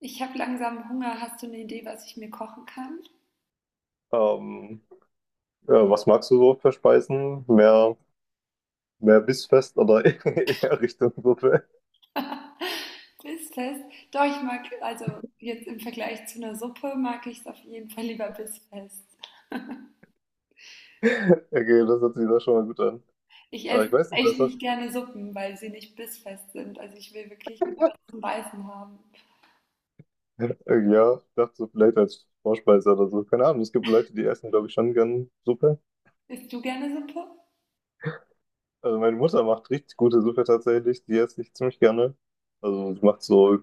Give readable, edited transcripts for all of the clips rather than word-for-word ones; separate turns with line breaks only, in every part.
Ich habe langsam Hunger. Hast du eine Idee, was ich mir kochen kann?
Ähm, ja, was magst du so für Speisen? Mehr bissfest oder eher Richtung Suppe?
Bissfest? Doch, ich mag, also jetzt im Vergleich zu einer Suppe, mag ich es auf jeden Fall lieber bissfest.
Okay, das hört sich doch schon mal gut an.
Ich esse
Ich weiß nicht,
echt
was
nicht
das.
gerne Suppen, weil sie nicht bissfest sind. Also ich will wirklich lieber was zum Beißen haben.
Ja, ich dachte so vielleicht als Vorspeise oder so. Keine Ahnung, es gibt Leute, die essen, glaube ich, schon gern Suppe.
Isst du gerne Suppe?
Also meine Mutter macht richtig gute Suppe tatsächlich, die esse ich ziemlich gerne. Also sie macht so,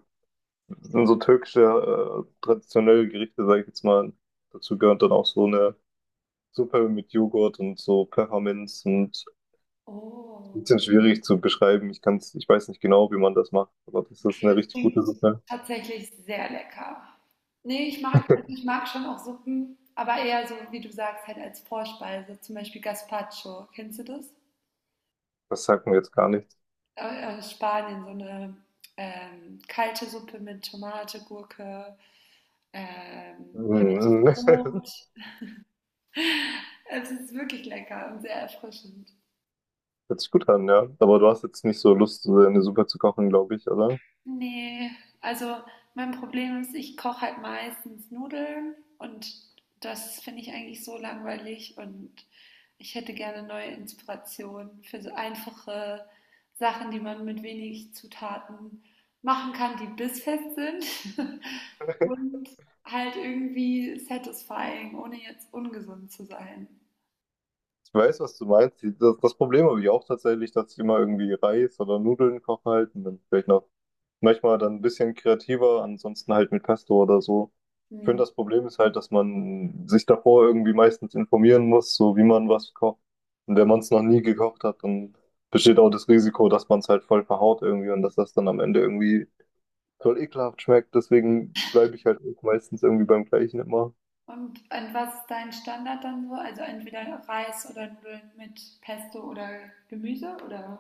sind so türkische traditionelle Gerichte, sage ich jetzt mal. Dazu gehört dann auch so eine Suppe mit Joghurt und so Pfefferminz und ein
Oh,
bisschen schwierig zu beschreiben. Ich kann's, ich weiß nicht genau, wie man das macht, aber das ist
okay,
eine
das
richtig gute
klingt
Suppe.
tatsächlich sehr lecker. Nee, ich mag, also ich mag schon auch Suppen, aber eher so, wie du sagst, halt als Vorspeise, zum Beispiel Gazpacho. Kennst du das?
Das sagt mir jetzt gar nichts.
Spanien, so eine kalte Suppe mit Tomate, Gurke, ähm,
Mhm.
Brot. Also es ist wirklich lecker und sehr erfrischend.
Hört sich gut an, ja. Aber du hast jetzt nicht so Lust, so eine Suppe zu kochen, glaube ich, oder?
Ne, also mein Problem ist, ich koche halt meistens Nudeln und das finde ich eigentlich so langweilig, und ich hätte gerne neue Inspirationen für so einfache Sachen, die man mit wenig Zutaten machen kann, die bissfest sind und halt irgendwie satisfying, ohne jetzt ungesund zu sein.
Ich weiß, was du meinst. Das Problem habe ich auch tatsächlich, dass ich immer irgendwie Reis oder Nudeln koche halt und dann vielleicht noch manchmal dann ein bisschen kreativer, ansonsten halt mit Pesto oder so. Ich
Hm.
finde, das Problem ist halt, dass man sich davor irgendwie meistens informieren muss, so wie man was kocht. Und wenn man es noch nie gekocht hat, dann besteht auch das Risiko, dass man es halt voll verhaut irgendwie und dass das dann am Ende irgendwie voll ekelhaft schmeckt. Deswegen bleibe ich halt meistens irgendwie beim Gleichen immer.
Und an was ist dein Standard dann so? Also entweder Reis oder Nudeln mit Pesto oder Gemüse oder?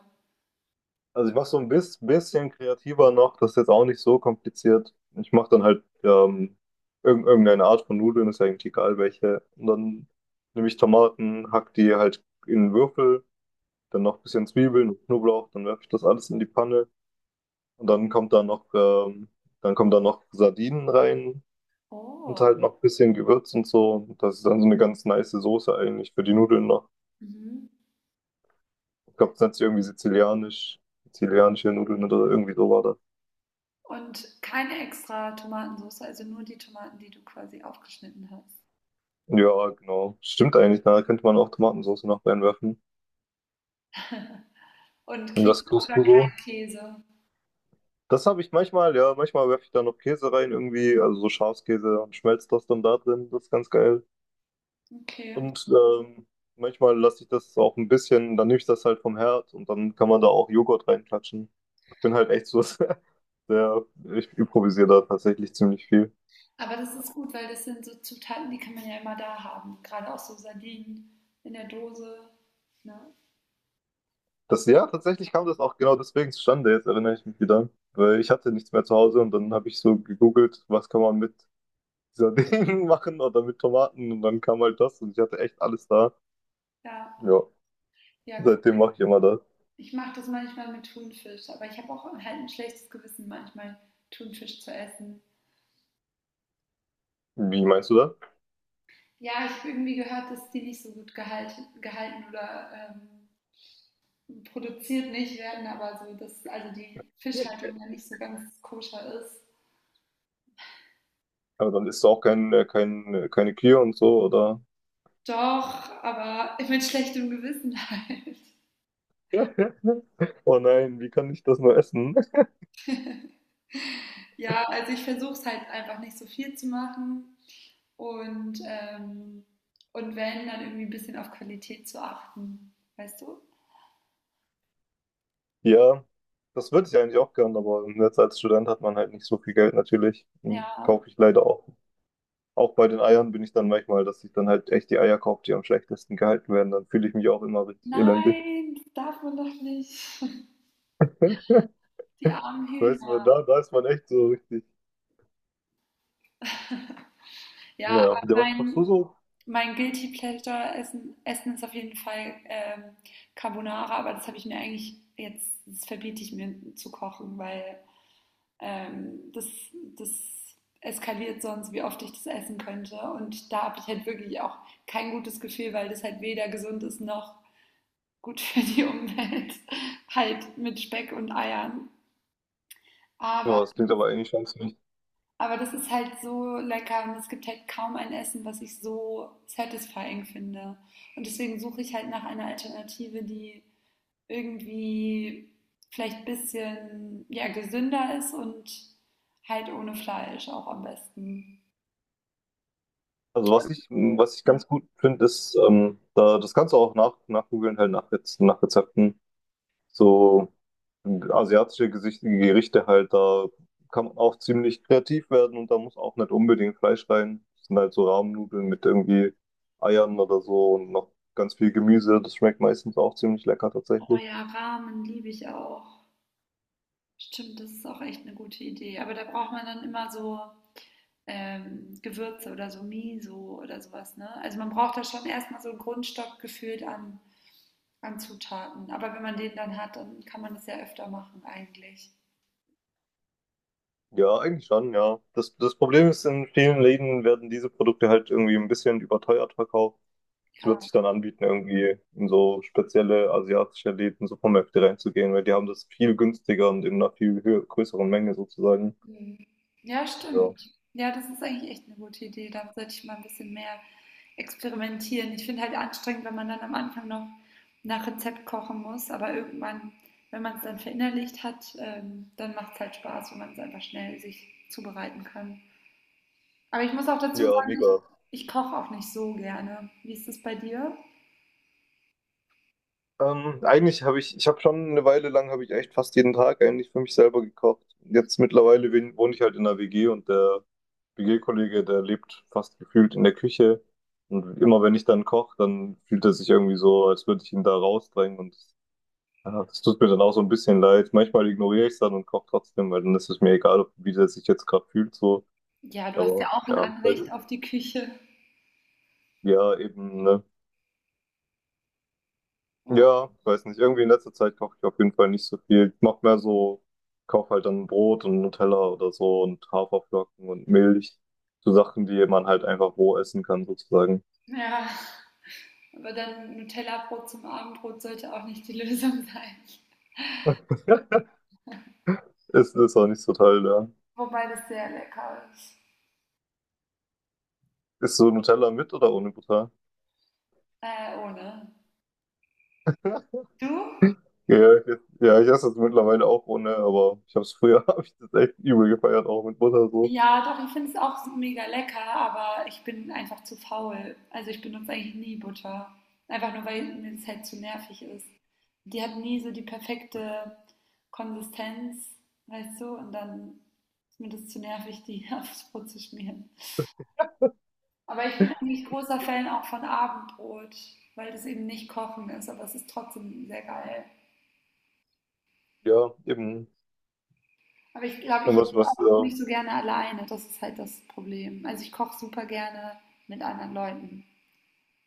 Also ich mache so ein bisschen kreativer noch, das ist jetzt auch nicht so kompliziert. Ich mache dann halt irgendeine Art von Nudeln, ist ja eigentlich egal welche. Und dann nehme ich Tomaten, hack die halt in Würfel, dann noch ein bisschen Zwiebeln und Knoblauch, dann werfe ich das alles in die Panne und dann kommt da noch, dann kommen da noch Sardinen rein und
Oh.
halt noch ein bisschen Gewürz und so. Und das ist dann so eine ganz nice Soße eigentlich für die Nudeln noch.
Mhm.
Ich glaube, das nennt sich irgendwie sizilianisch, sizilianische Nudeln oder irgendwie so war.
Und keine extra Tomatensoße, also nur die Tomaten, die du quasi aufgeschnitten hast.
Ja, genau. Stimmt eigentlich, ne? Da könnte man auch Tomatensauce noch reinwerfen.
Und
Und
Käse
was kochst
oder
du
kein
so?
Käse.
Das habe ich manchmal, ja, manchmal werfe ich da noch Käse rein irgendwie, also so Schafskäse und schmelzt das dann da drin. Das ist ganz geil.
Okay.
Und manchmal lasse ich das auch ein bisschen, dann nehme ich das halt vom Herd und dann kann man da auch Joghurt reinklatschen. Ich bin halt echt so sehr, ich improvisiere da tatsächlich ziemlich viel.
Aber das ist gut, weil das sind so Zutaten, die kann man ja immer da haben. Gerade auch so Sardinen in der Dose. Ne?
Das, ja, tatsächlich kam das auch genau deswegen zustande, jetzt erinnere ich mich wieder. Weil ich hatte nichts mehr zu Hause und dann habe ich so gegoogelt, was kann man mit dieser Ding machen oder mit Tomaten und dann kam halt das und ich hatte echt alles da.
Ja,
Ja,
ja, cool.
seitdem mache ich immer das.
Ich mache das manchmal mit Thunfisch, aber ich habe auch halt ein schlechtes Gewissen, manchmal Thunfisch zu essen.
Wie meinst du das?
Ja, ich habe irgendwie gehört, dass die nicht so gut gehalten oder produziert nicht werden, aber so, dass also die Fischhaltung ja nicht so ganz koscher ist.
Aber dann isst du auch keine Kühe und so, oder?
Doch, aber mit schlechtem Gewissen halt.
Oh nein, wie kann ich das nur essen?
Ja, also ich versuche es halt einfach nicht so viel zu machen und, ähm, und wenn, dann irgendwie ein bisschen auf Qualität zu achten, weißt du?
Ja, das würde ich eigentlich auch gern, aber jetzt als Student hat man halt nicht so viel Geld natürlich. Hm,
Ja,
kaufe ich leider auch. Auch bei den Eiern bin ich dann manchmal, dass ich dann halt echt die Eier kaufe, die am schlechtesten gehalten werden. Dann fühle ich mich auch immer richtig elendig.
nein, das darf man doch nicht. Die armen
Weißt du,
Hühner.
da ist man echt so richtig.
Ja, aber
Ja, der was kochst
mein,
du so?
Mein Guilty Pleasure Essen, Essen ist auf jeden Fall Carbonara, aber das habe ich mir eigentlich jetzt, das verbiete ich mir zu kochen, weil ähm, das, das eskaliert sonst, wie oft ich das essen könnte. Und da habe ich halt wirklich auch kein gutes Gefühl, weil das halt weder gesund ist noch gut für die Umwelt, halt mit Speck und Eiern. Aber
Ja, das klingt aber eigentlich ganz nicht.
Aber das ist halt so lecker, und es gibt halt kaum ein Essen, was ich so satisfying finde. Und deswegen suche ich halt nach einer Alternative, die irgendwie vielleicht ein bisschen ja, gesünder ist und halt ohne Fleisch auch am besten.
Also was ich
Ja.
ganz gut finde, ist, da, das kannst du auch nachgoogeln, halt nach nach Rezepten. So asiatische Gerichte halt, da kann man auch ziemlich kreativ werden und da muss auch nicht unbedingt Fleisch rein. Das sind halt so Rahmnudeln mit irgendwie Eiern oder so und noch ganz viel Gemüse. Das schmeckt meistens auch ziemlich lecker
Oh
tatsächlich.
ja, Ramen liebe ich auch. Stimmt, das ist auch echt eine gute Idee. Aber da braucht man dann immer so Gewürze oder so Miso oder sowas. Ne? Also man braucht da schon erstmal so einen Grundstock gefühlt an Zutaten. Aber wenn man den dann hat, dann kann man das ja öfter machen eigentlich.
Ja, eigentlich schon, ja. Das Problem ist, in vielen Läden werden diese Produkte halt irgendwie ein bisschen überteuert verkauft. Es wird
Ja.
sich dann anbieten, irgendwie in so spezielle asiatische Läden, Supermärkte reinzugehen, weil die haben das viel günstiger und in einer viel größeren Menge sozusagen.
Mhm. Ja,
Ja,
stimmt. Ja, das ist eigentlich echt eine gute Idee. Da sollte ich mal ein bisschen mehr experimentieren. Ich finde halt anstrengend, wenn man dann am Anfang noch nach Rezept kochen muss, aber irgendwann, wenn man es dann verinnerlicht hat, dann macht es halt Spaß, wenn man es einfach schnell sich zubereiten kann. Aber ich muss auch dazu
ja, mega.
sagen, ich koche auch nicht so gerne. Wie ist das bei dir?
Ich habe schon eine Weile lang, habe ich echt fast jeden Tag eigentlich für mich selber gekocht. Jetzt mittlerweile wohne ich halt in der WG und der WG-Kollege, der lebt fast gefühlt in der Küche. Und immer wenn ich dann koche, dann fühlt er sich irgendwie so, als würde ich ihn da rausdrängen und ja, das tut mir dann auch so ein bisschen leid. Manchmal ignoriere ich es dann und koche trotzdem, weil dann ist es mir egal, wie der sich jetzt gerade fühlt, so.
Ja, du hast ja
Aber
auch ein
ja, weil
Anrecht auf die Küche.
ja, eben, ne?
Oh,
Ja, weiß nicht. Irgendwie in letzter Zeit koche ich auf jeden Fall nicht so viel. Ich mache mehr so, kaufe halt dann Brot und Nutella oder so und Haferflocken und Milch. So Sachen, die man halt einfach roh essen kann, sozusagen.
ja, aber dann Nutella-Brot zum Abendbrot sollte auch nicht die Lösung sein.
Ist auch nicht so toll, ja.
Wobei das sehr lecker ist.
Ist so Nutella mit oder ohne Butter?
Ohne. Du?
Ja, ich, ja, ich esse es mittlerweile auch ohne, aber ich habe es früher, habe ich das echt übel gefeiert, auch mit Butter so.
Ja, doch, ich finde es auch mega lecker, aber ich bin einfach zu faul. Also ich benutze eigentlich nie Butter. Einfach nur, weil mir das halt zu nervig ist. Die hat nie so die perfekte Konsistenz, weißt du? Und dann ist mir das zu nervig, die aufs Brot zu schmieren. Aber ich bin eigentlich großer Fan auch von Abendbrot, weil das eben nicht kochen ist, aber es ist trotzdem sehr geil.
Ja, eben.
Aber ich glaube, ich
Dann was,
esse
was,
auch nicht so gerne alleine. Das ist halt das Problem. Also ich koche super gerne mit anderen Leuten,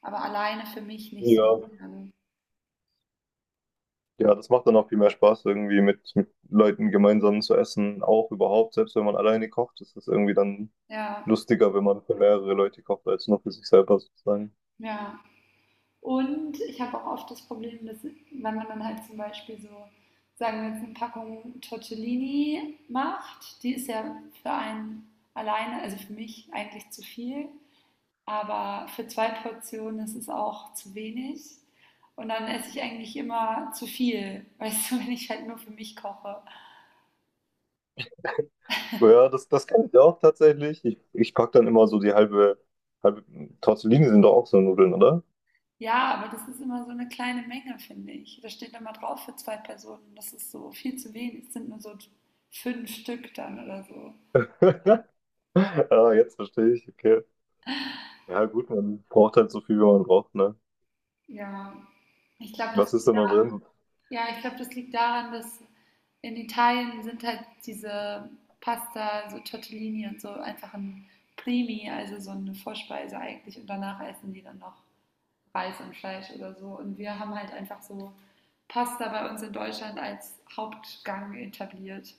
aber alleine für mich nicht
ja,
suchen kann.
ja, das macht dann auch viel mehr Spaß, irgendwie mit Leuten gemeinsam zu essen, auch überhaupt, selbst wenn man alleine kocht, ist es irgendwie dann
Ja,
lustiger, wenn man für mehrere Leute kocht, als nur für sich selber sozusagen.
ja. Und ich habe auch oft das Problem, dass wenn man dann halt zum Beispiel so, sagen wir jetzt, eine Packung Tortellini macht, die ist ja für einen alleine, also für mich eigentlich zu viel, aber für zwei Portionen ist es auch zu wenig. Und dann esse ich eigentlich immer zu viel, weißt du, wenn ich halt nur für mich koche.
Ja, das kann ich auch tatsächlich. Ich packe dann immer so die halbe Tortellini sind doch auch so Nudeln, oder?
Ja, aber das ist immer so eine kleine Menge, finde ich. Da steht immer drauf für zwei Personen. Das ist so viel zu wenig. Es sind nur so fünf Stück dann oder so.
Ah, jetzt verstehe ich, okay. Ja, gut, man braucht halt so viel, wie man braucht, ne?
Ja, ich glaube,
Was
das
ist
liegt
denn da
da,
drin?
ja, ich glaube, das liegt daran, dass in Italien sind halt diese Pasta, so Tortellini und so einfach ein Primi, also so eine Vorspeise eigentlich. Und danach essen die dann noch Reis und Fleisch oder so. Und wir haben halt einfach so Pasta bei uns in Deutschland als Hauptgang etabliert.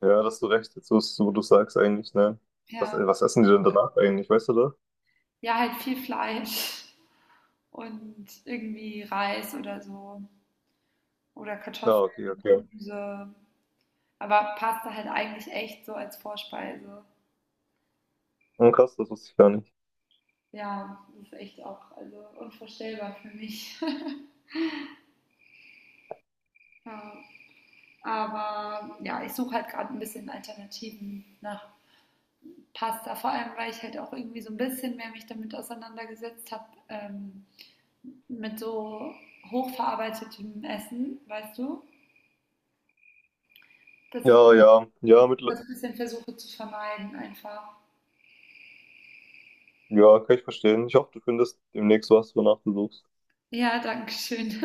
Ja, da hast du recht, jetzt, wo du sagst eigentlich, ne? Was, äh,
Ja.
was essen die denn danach eigentlich, weißt du das?
Ja, halt viel Fleisch und irgendwie Reis oder so oder
Ja, okay,
Kartoffeln und
okay.
Gemüse. Aber Pasta halt eigentlich echt so als Vorspeise.
Hm, krass, das wusste ich gar nicht.
Ja, das ist echt auch also unvorstellbar für mich. Ja, aber ja, ich suche halt gerade ein bisschen Alternativen nach Pasta, vor allem weil ich halt auch irgendwie so ein bisschen mehr mich damit auseinandergesetzt habe, mit so hochverarbeitetem Essen, weißt du, dass ich
Ja,
das
ja,
Das
ja,
das bisschen versuche zu vermeiden einfach.
ja, kann ich verstehen. Ich hoffe, du findest demnächst was, wonach du suchst.
Ja, danke schön.